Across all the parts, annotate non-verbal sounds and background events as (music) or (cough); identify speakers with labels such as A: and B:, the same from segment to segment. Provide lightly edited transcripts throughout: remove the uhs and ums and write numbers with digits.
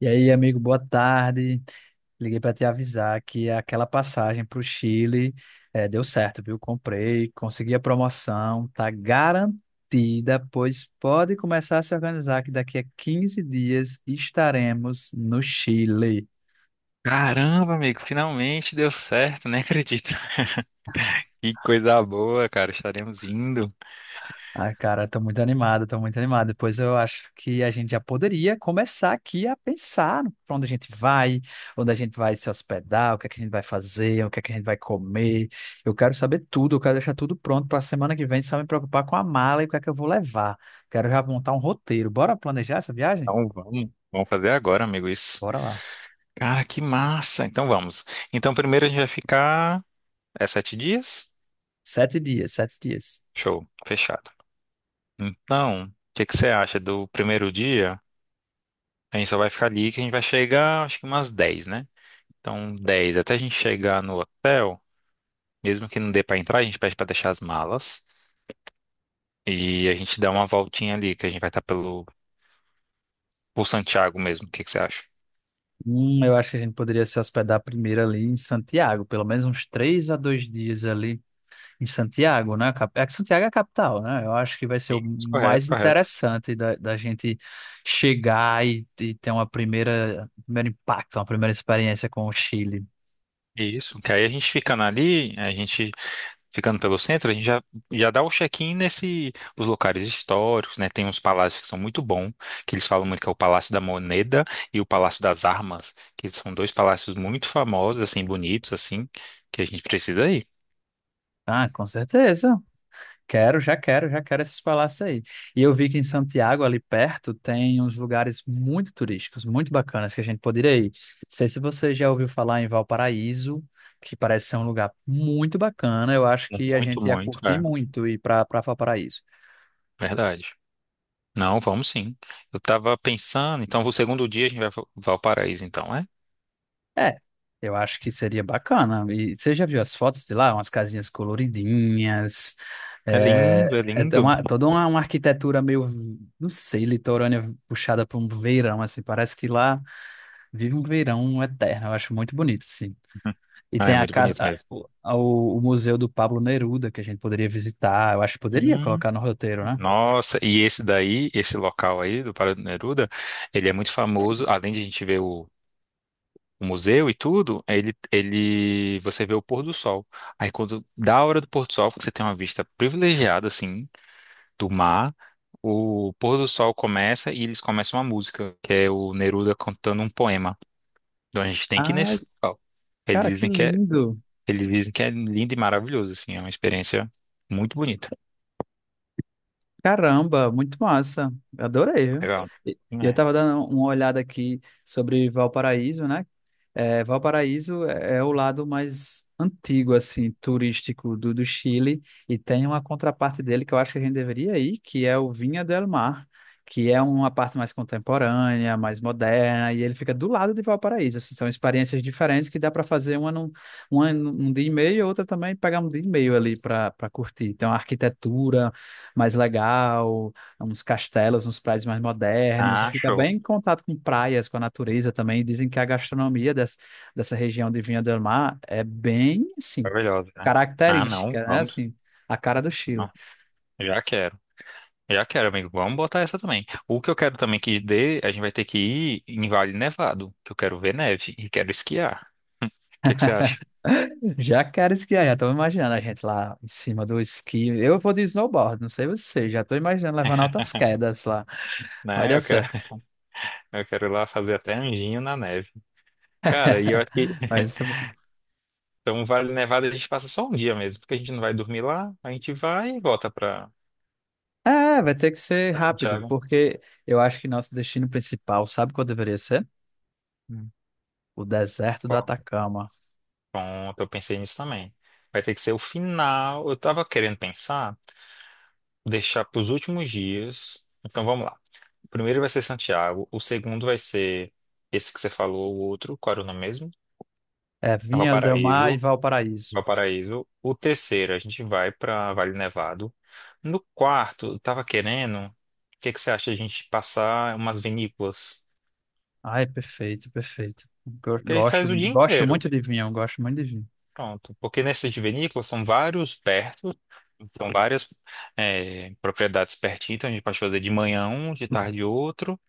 A: E aí, amigo, boa tarde. Liguei para te avisar que aquela passagem para o Chile deu certo, viu? Comprei, consegui a promoção, tá garantida, pois pode começar a se organizar que daqui a 15 dias estaremos no Chile.
B: Caramba, amigo, finalmente deu certo, nem acredito. (laughs) Que coisa boa, cara, estaremos indo.
A: Ai, cara, tô muito animado, tô muito animado. Depois eu acho que a gente já poderia começar aqui a pensar pra onde a gente vai, onde a gente vai se hospedar, o que é que a gente vai fazer, o que é que a gente vai comer. Eu quero saber tudo, eu quero deixar tudo pronto pra semana que vem, só me preocupar com a mala e o que é que eu vou levar. Quero já montar um roteiro. Bora planejar essa viagem?
B: Então vamos, vamos fazer agora, amigo, isso.
A: Bora lá.
B: Cara, que massa. Então vamos. Então primeiro a gente vai ficar é 7 dias?
A: Sete dias, sete dias.
B: Show, fechado. Então, o que que você acha do primeiro dia? A gente só vai ficar ali que a gente vai chegar, acho que umas 10, né? Então 10 até a gente chegar no hotel, mesmo que não dê pra entrar, a gente pede pra deixar as malas. E a gente dá uma voltinha ali, que a gente vai estar pelo Ou Santiago mesmo, o que que você acha?
A: Eu acho que a gente poderia se hospedar primeiro ali em Santiago, pelo menos uns três a dois dias ali em Santiago, né? É que Santiago é a capital, né? Eu acho que vai ser o
B: Isso, correto,
A: mais
B: correto.
A: interessante da gente chegar e ter uma primeira, um primeiro impacto, uma primeira experiência com o Chile.
B: Isso, que aí a gente ficando pelo centro, a gente já dá o check-in nesse, os locais históricos, né? Tem uns palácios que são muito bons, que eles falam muito que é o Palácio da Moneda e o Palácio das Armas, que são dois palácios muito famosos, assim, bonitos, assim, que a gente precisa ir.
A: Ah, com certeza. Quero, já quero, já quero esses palácios aí. E eu vi que em Santiago, ali perto, tem uns lugares muito turísticos, muito bacanas que a gente poderia ir. Não sei se você já ouviu falar em Valparaíso, que parece ser um lugar muito bacana. Eu acho que a
B: Muito,
A: gente ia
B: muito,
A: curtir
B: é,
A: muito ir para Valparaíso.
B: verdade. Não, vamos sim. Eu tava pensando, então, o segundo dia a gente vai para Valparaíso, então, é?
A: É, eu acho que seria bacana. E você já viu as fotos de lá? Umas casinhas coloridinhas.
B: É lindo, é lindo.
A: Toda uma arquitetura meio, não sei, litorânea puxada para um verão, assim. Parece que lá vive um verão eterno. Eu acho muito bonito, assim.
B: Hum.
A: E
B: Ah,
A: tem
B: é
A: a
B: muito
A: casa,
B: bonito mesmo.
A: a- o Museu do Pablo Neruda, que a gente poderia visitar. Eu acho que poderia
B: Hum,
A: colocar no roteiro, né?
B: Nossa, e esse daí, esse local aí do Pará do Neruda, ele é muito famoso, além de a gente ver o museu e tudo, você vê o pôr do sol. Aí quando dá a hora do pôr do sol, você tem uma vista privilegiada, assim, do mar, o pôr do sol começa e eles começam uma música, que é o Neruda cantando um poema. Então a gente tem que ir
A: Ai,
B: nesse local. Eles
A: cara, que
B: dizem que é,
A: lindo!
B: eles dizem que é lindo e maravilhoso, assim, é uma experiência muito bonita.
A: Caramba, muito massa. Adorei, viu?
B: Legal.
A: E eu
B: É.
A: estava dando uma olhada aqui sobre Valparaíso, né? É, Valparaíso é o lado mais antigo, assim, turístico do Chile e tem uma contraparte dele que eu acho que a gente deveria ir, que é o Viña del Mar, que é uma parte mais contemporânea, mais moderna e ele fica do lado de Valparaíso. Assim, são experiências diferentes que dá para fazer uma num dia e meio, outra também pegar um dia e meio ali para curtir. Então, a arquitetura mais legal, uns castelos, uns prédios mais modernos, e
B: Ah,
A: fica
B: show.
A: bem em contato com praias, com a natureza também. Dizem que a gastronomia dessa região de Vinha del Mar é bem, assim,
B: Maravilhosa, né? Ah, não,
A: característica, né?
B: vamos.
A: Assim, a cara do Chile.
B: Não, já quero. Já quero, amigo. Vamos botar essa também. O que eu quero também que dê, a gente vai ter que ir em Vale Nevado, que eu quero ver neve e quero esquiar. O que que você acha?
A: Já quero esquiar, já estou imaginando a gente lá em cima do esqui. Eu vou de snowboard, não sei você, já estou imaginando levando altas quedas lá. Vai
B: Né?
A: dar
B: Eu quero,
A: certo.
B: eu quero ir lá fazer até anjinho na neve. Cara, e eu
A: (laughs)
B: acho que
A: Vai ser bom.
B: então Vale Nevado a gente passa só um dia mesmo, porque a gente não vai dormir lá, a gente vai e volta pra,
A: É, vai ter que ser rápido,
B: Santiago.
A: porque eu acho que nosso destino principal, sabe qual deveria ser?
B: Hum.
A: O deserto do
B: Qual?
A: Atacama.
B: Pronto, eu pensei nisso também. Vai ter que ser o final. Eu tava querendo pensar, deixar para os últimos dias. Então vamos lá. O primeiro vai ser Santiago, o segundo vai ser esse que você falou, o outro, qual era o nome mesmo?
A: É Vinha del Mar e
B: Valparaíso.
A: Valparaíso.
B: Valparaíso. O terceiro, a gente vai para Vale Nevado. No quarto, eu tava querendo, o que que você acha de a gente passar umas vinícolas?
A: Ai, perfeito, perfeito.
B: Que aí
A: Gosto,
B: faz o dia
A: gosto
B: inteiro.
A: muito de vinho, gosto muito de vinho.
B: Pronto. Porque nessas de vinícolas são vários perto, são várias propriedades pertinho, então a gente pode fazer de manhã um, de tarde outro.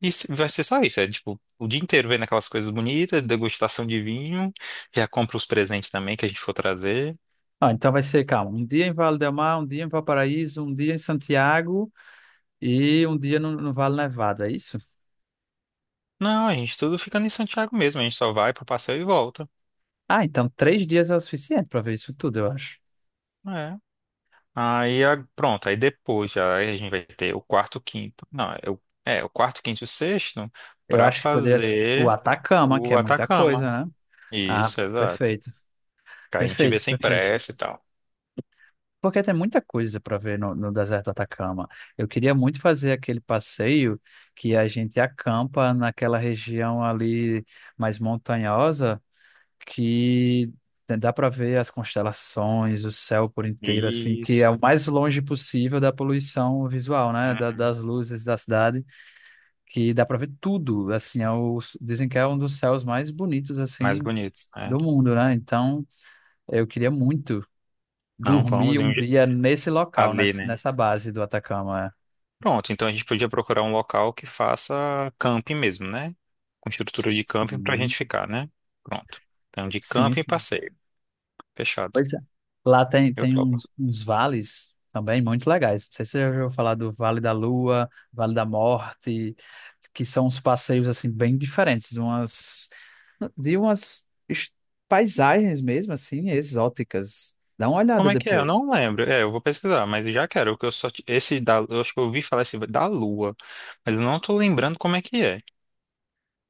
B: E vai ser só isso, é tipo, o dia inteiro vendo aquelas coisas bonitas, degustação de vinho, já compra os presentes também que a gente for trazer.
A: Ah, então vai ser, calma, um dia em Vale del Mar, um dia em Valparaíso, um dia em Santiago e um dia no Vale Nevado, é isso?
B: Não, a gente tudo fica em Santiago mesmo, a gente só vai pro passeio e volta.
A: Ah, então três dias é o suficiente para ver isso tudo, eu acho.
B: É. Aí, pronto, aí depois já a gente vai ter o quarto, quinto. Não, é o quarto, quinto e o sexto
A: Eu
B: pra
A: acho que poderia ser o
B: fazer
A: Atacama, que é
B: o
A: muita
B: Atacama.
A: coisa, né? Ah,
B: Isso, exato.
A: perfeito,
B: Que aí a gente vê
A: perfeito,
B: sem
A: perfeito.
B: pressa e tal.
A: Porque tem muita coisa para ver no deserto do Atacama. Eu queria muito fazer aquele passeio que a gente acampa naquela região ali mais montanhosa, que dá para ver as constelações, o céu por inteiro, assim, que é
B: Isso.
A: o mais longe possível da poluição visual, né?
B: Uhum.
A: Das luzes da cidade, que dá para ver tudo. Assim, dizem que é um dos céus mais bonitos
B: Mais
A: assim
B: bonitos, né?
A: do mundo, né? Então, eu queria muito
B: Não,
A: dormi
B: vamos em
A: um
B: um je-
A: dia nesse local,
B: ali, né?
A: nessa base do Atacama. É.
B: Pronto, então a gente podia procurar um local que faça camping mesmo, né? Com estrutura de camping pra
A: Sim,
B: gente ficar, né? Pronto. Então, de
A: sim,
B: camping e
A: sim.
B: passeio. Fechado.
A: Pois é. Lá tem,
B: Eu
A: tem
B: topo.
A: uns, uns vales também muito legais. Não sei se você já ouviu falar do Vale da Lua, Vale da Morte, que são uns passeios assim bem diferentes, umas de umas es- paisagens mesmo assim exóticas. Dá uma olhada
B: Como é que é? Eu
A: depois.
B: não lembro. É, eu vou pesquisar, mas eu já quero, porque Eu só, t- esse da, eu acho que eu ouvi falar esse da Lua, mas eu não tô lembrando como é que é.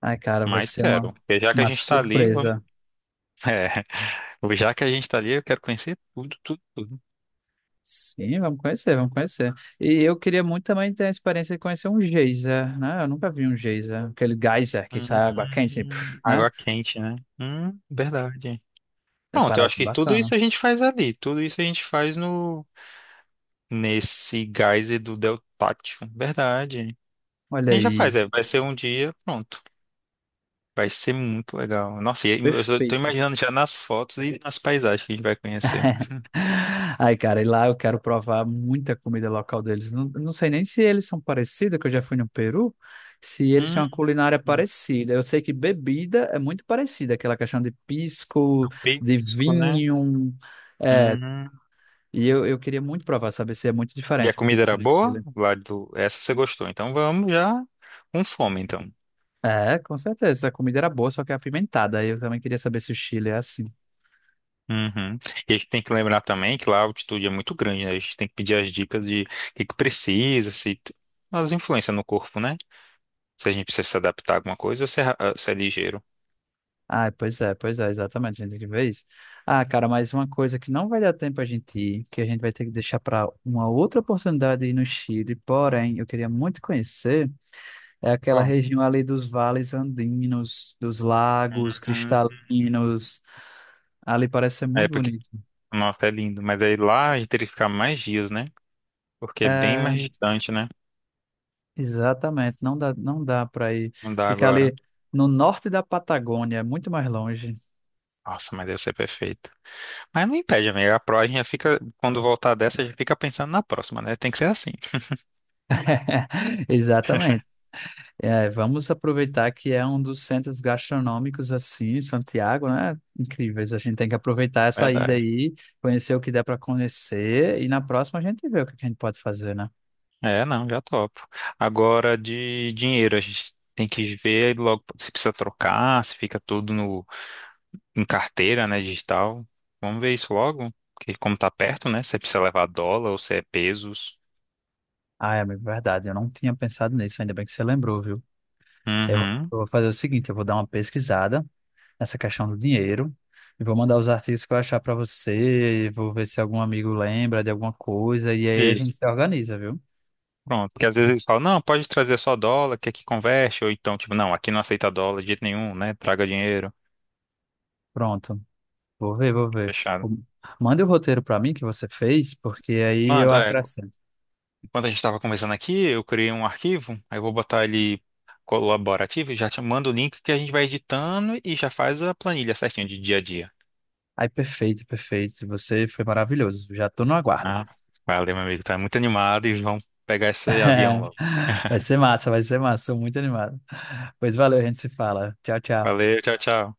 A: Ai, cara, vai
B: Mas
A: ser
B: quero. Porque já que a
A: uma
B: gente tá ali, vamos.
A: surpresa.
B: (laughs) É, já que a gente tá ali, eu quero conhecer tudo, tudo, tudo.
A: Sim, vamos conhecer, vamos conhecer. E eu queria muito também ter a experiência de conhecer um geyser, né? Eu nunca vi um geyser, aquele geyser que sai água quente, assim, puf, né?
B: Água quente, né? Verdade. Pronto, eu acho
A: Parece
B: que tudo
A: bacana.
B: isso a gente faz ali. Tudo isso a gente faz no nesse geyser do Deltátil. Verdade.
A: Olha
B: A gente já
A: aí.
B: faz, é. Vai ser um dia, pronto. Vai ser muito legal. Nossa, e eu só tô
A: Perfeito.
B: imaginando já nas fotos e nas paisagens que a gente vai conhecer.
A: (laughs) Ai, cara, e lá eu quero provar muita comida local deles. Não sei nem se eles são parecidos, que eu já fui no Peru, se eles têm
B: Hum,
A: uma culinária
B: É
A: parecida. Eu sei que bebida é muito parecida, aquela questão de pisco,
B: o
A: de
B: pisco, né?
A: vinho. É,
B: Uhum.
A: e eu queria muito provar, saber se é muito
B: E a
A: diferente o
B: comida
A: pito
B: era
A: do
B: boa?
A: Chile.
B: Lá do... Essa você gostou. Então vamos já com fome, então.
A: É, com certeza. A comida era boa, só que apimentada. Aí eu também queria saber se o Chile é assim.
B: Uhum. E a gente tem que lembrar também que lá a altitude é muito grande, né? A gente tem que pedir as dicas de o que que precisa, se as influências no corpo, né? Se a gente precisa se adaptar a alguma coisa ou se é, se é ligeiro.
A: Ah, pois é, exatamente. A gente tem que ver isso. Ah, cara, mas uma coisa que não vai dar tempo a gente ir, que a gente vai ter que deixar para uma outra oportunidade ir no Chile, porém, eu queria muito conhecer, é aquela
B: Ó.
A: região ali dos vales andinos, dos lagos
B: Uhum.
A: cristalinos. Ali parece ser
B: É
A: muito
B: porque,
A: bonito.
B: nossa, é lindo. Mas aí lá a gente teria que ficar mais dias, né? Porque é bem
A: É,
B: mais distante, né?
A: exatamente, não dá, não dá para ir
B: Não dá
A: ficar
B: agora.
A: ali no norte da Patagônia, é muito mais longe.
B: Nossa, mas deve ser perfeito. Mas não impede, amiga. A gente já fica, quando voltar dessa, já fica pensando na próxima, né? Tem que ser assim.
A: (laughs) Exatamente. É, vamos aproveitar que é um dos centros gastronômicos assim, em Santiago, né? Incríveis. A gente tem que aproveitar essa ida
B: Verdade.
A: aí, conhecer o que der para conhecer e na próxima a gente vê o que que a gente pode fazer, né?
B: É, não, já topo. Agora de dinheiro, a gente tem que ver logo se precisa trocar, se fica tudo no, em carteira, né, digital. Vamos ver isso logo, porque como tá perto, né, se precisa levar dólar ou se é pesos.
A: Ah, é amigo, verdade. Eu não tinha pensado nisso, ainda bem que você lembrou, viu? Eu,
B: Uhum,
A: eu vou fazer o seguinte, eu vou dar uma pesquisada essa questão do dinheiro. E vou mandar os artigos que eu achar para você, vou ver se algum amigo lembra de alguma coisa, e aí a gente
B: isso.
A: se organiza, viu?
B: Pronto, porque às vezes eles falam, não, pode trazer só dólar, que aqui converte, ou então, tipo, não, aqui não aceita dólar de jeito nenhum, né, traga dinheiro.
A: Pronto. Vou ver, vou ver.
B: Fechado.
A: O- Manda o roteiro para mim que você fez, porque aí eu
B: Manda,
A: acrescento.
B: quando a gente estava conversando aqui, eu criei um arquivo, aí eu vou botar ele colaborativo e já te mando o link que a gente vai editando e já faz a planilha certinho de dia a dia.
A: Aí, perfeito, perfeito. Você foi maravilhoso. Já tô no aguardo.
B: Ah, valeu, meu amigo. Tá muito animado e vão pegar esse avião
A: (laughs)
B: logo.
A: Vai ser massa, vai ser massa. Sou muito animado. Pois valeu, a gente se fala. Tchau, tchau.
B: Valeu, tchau, tchau.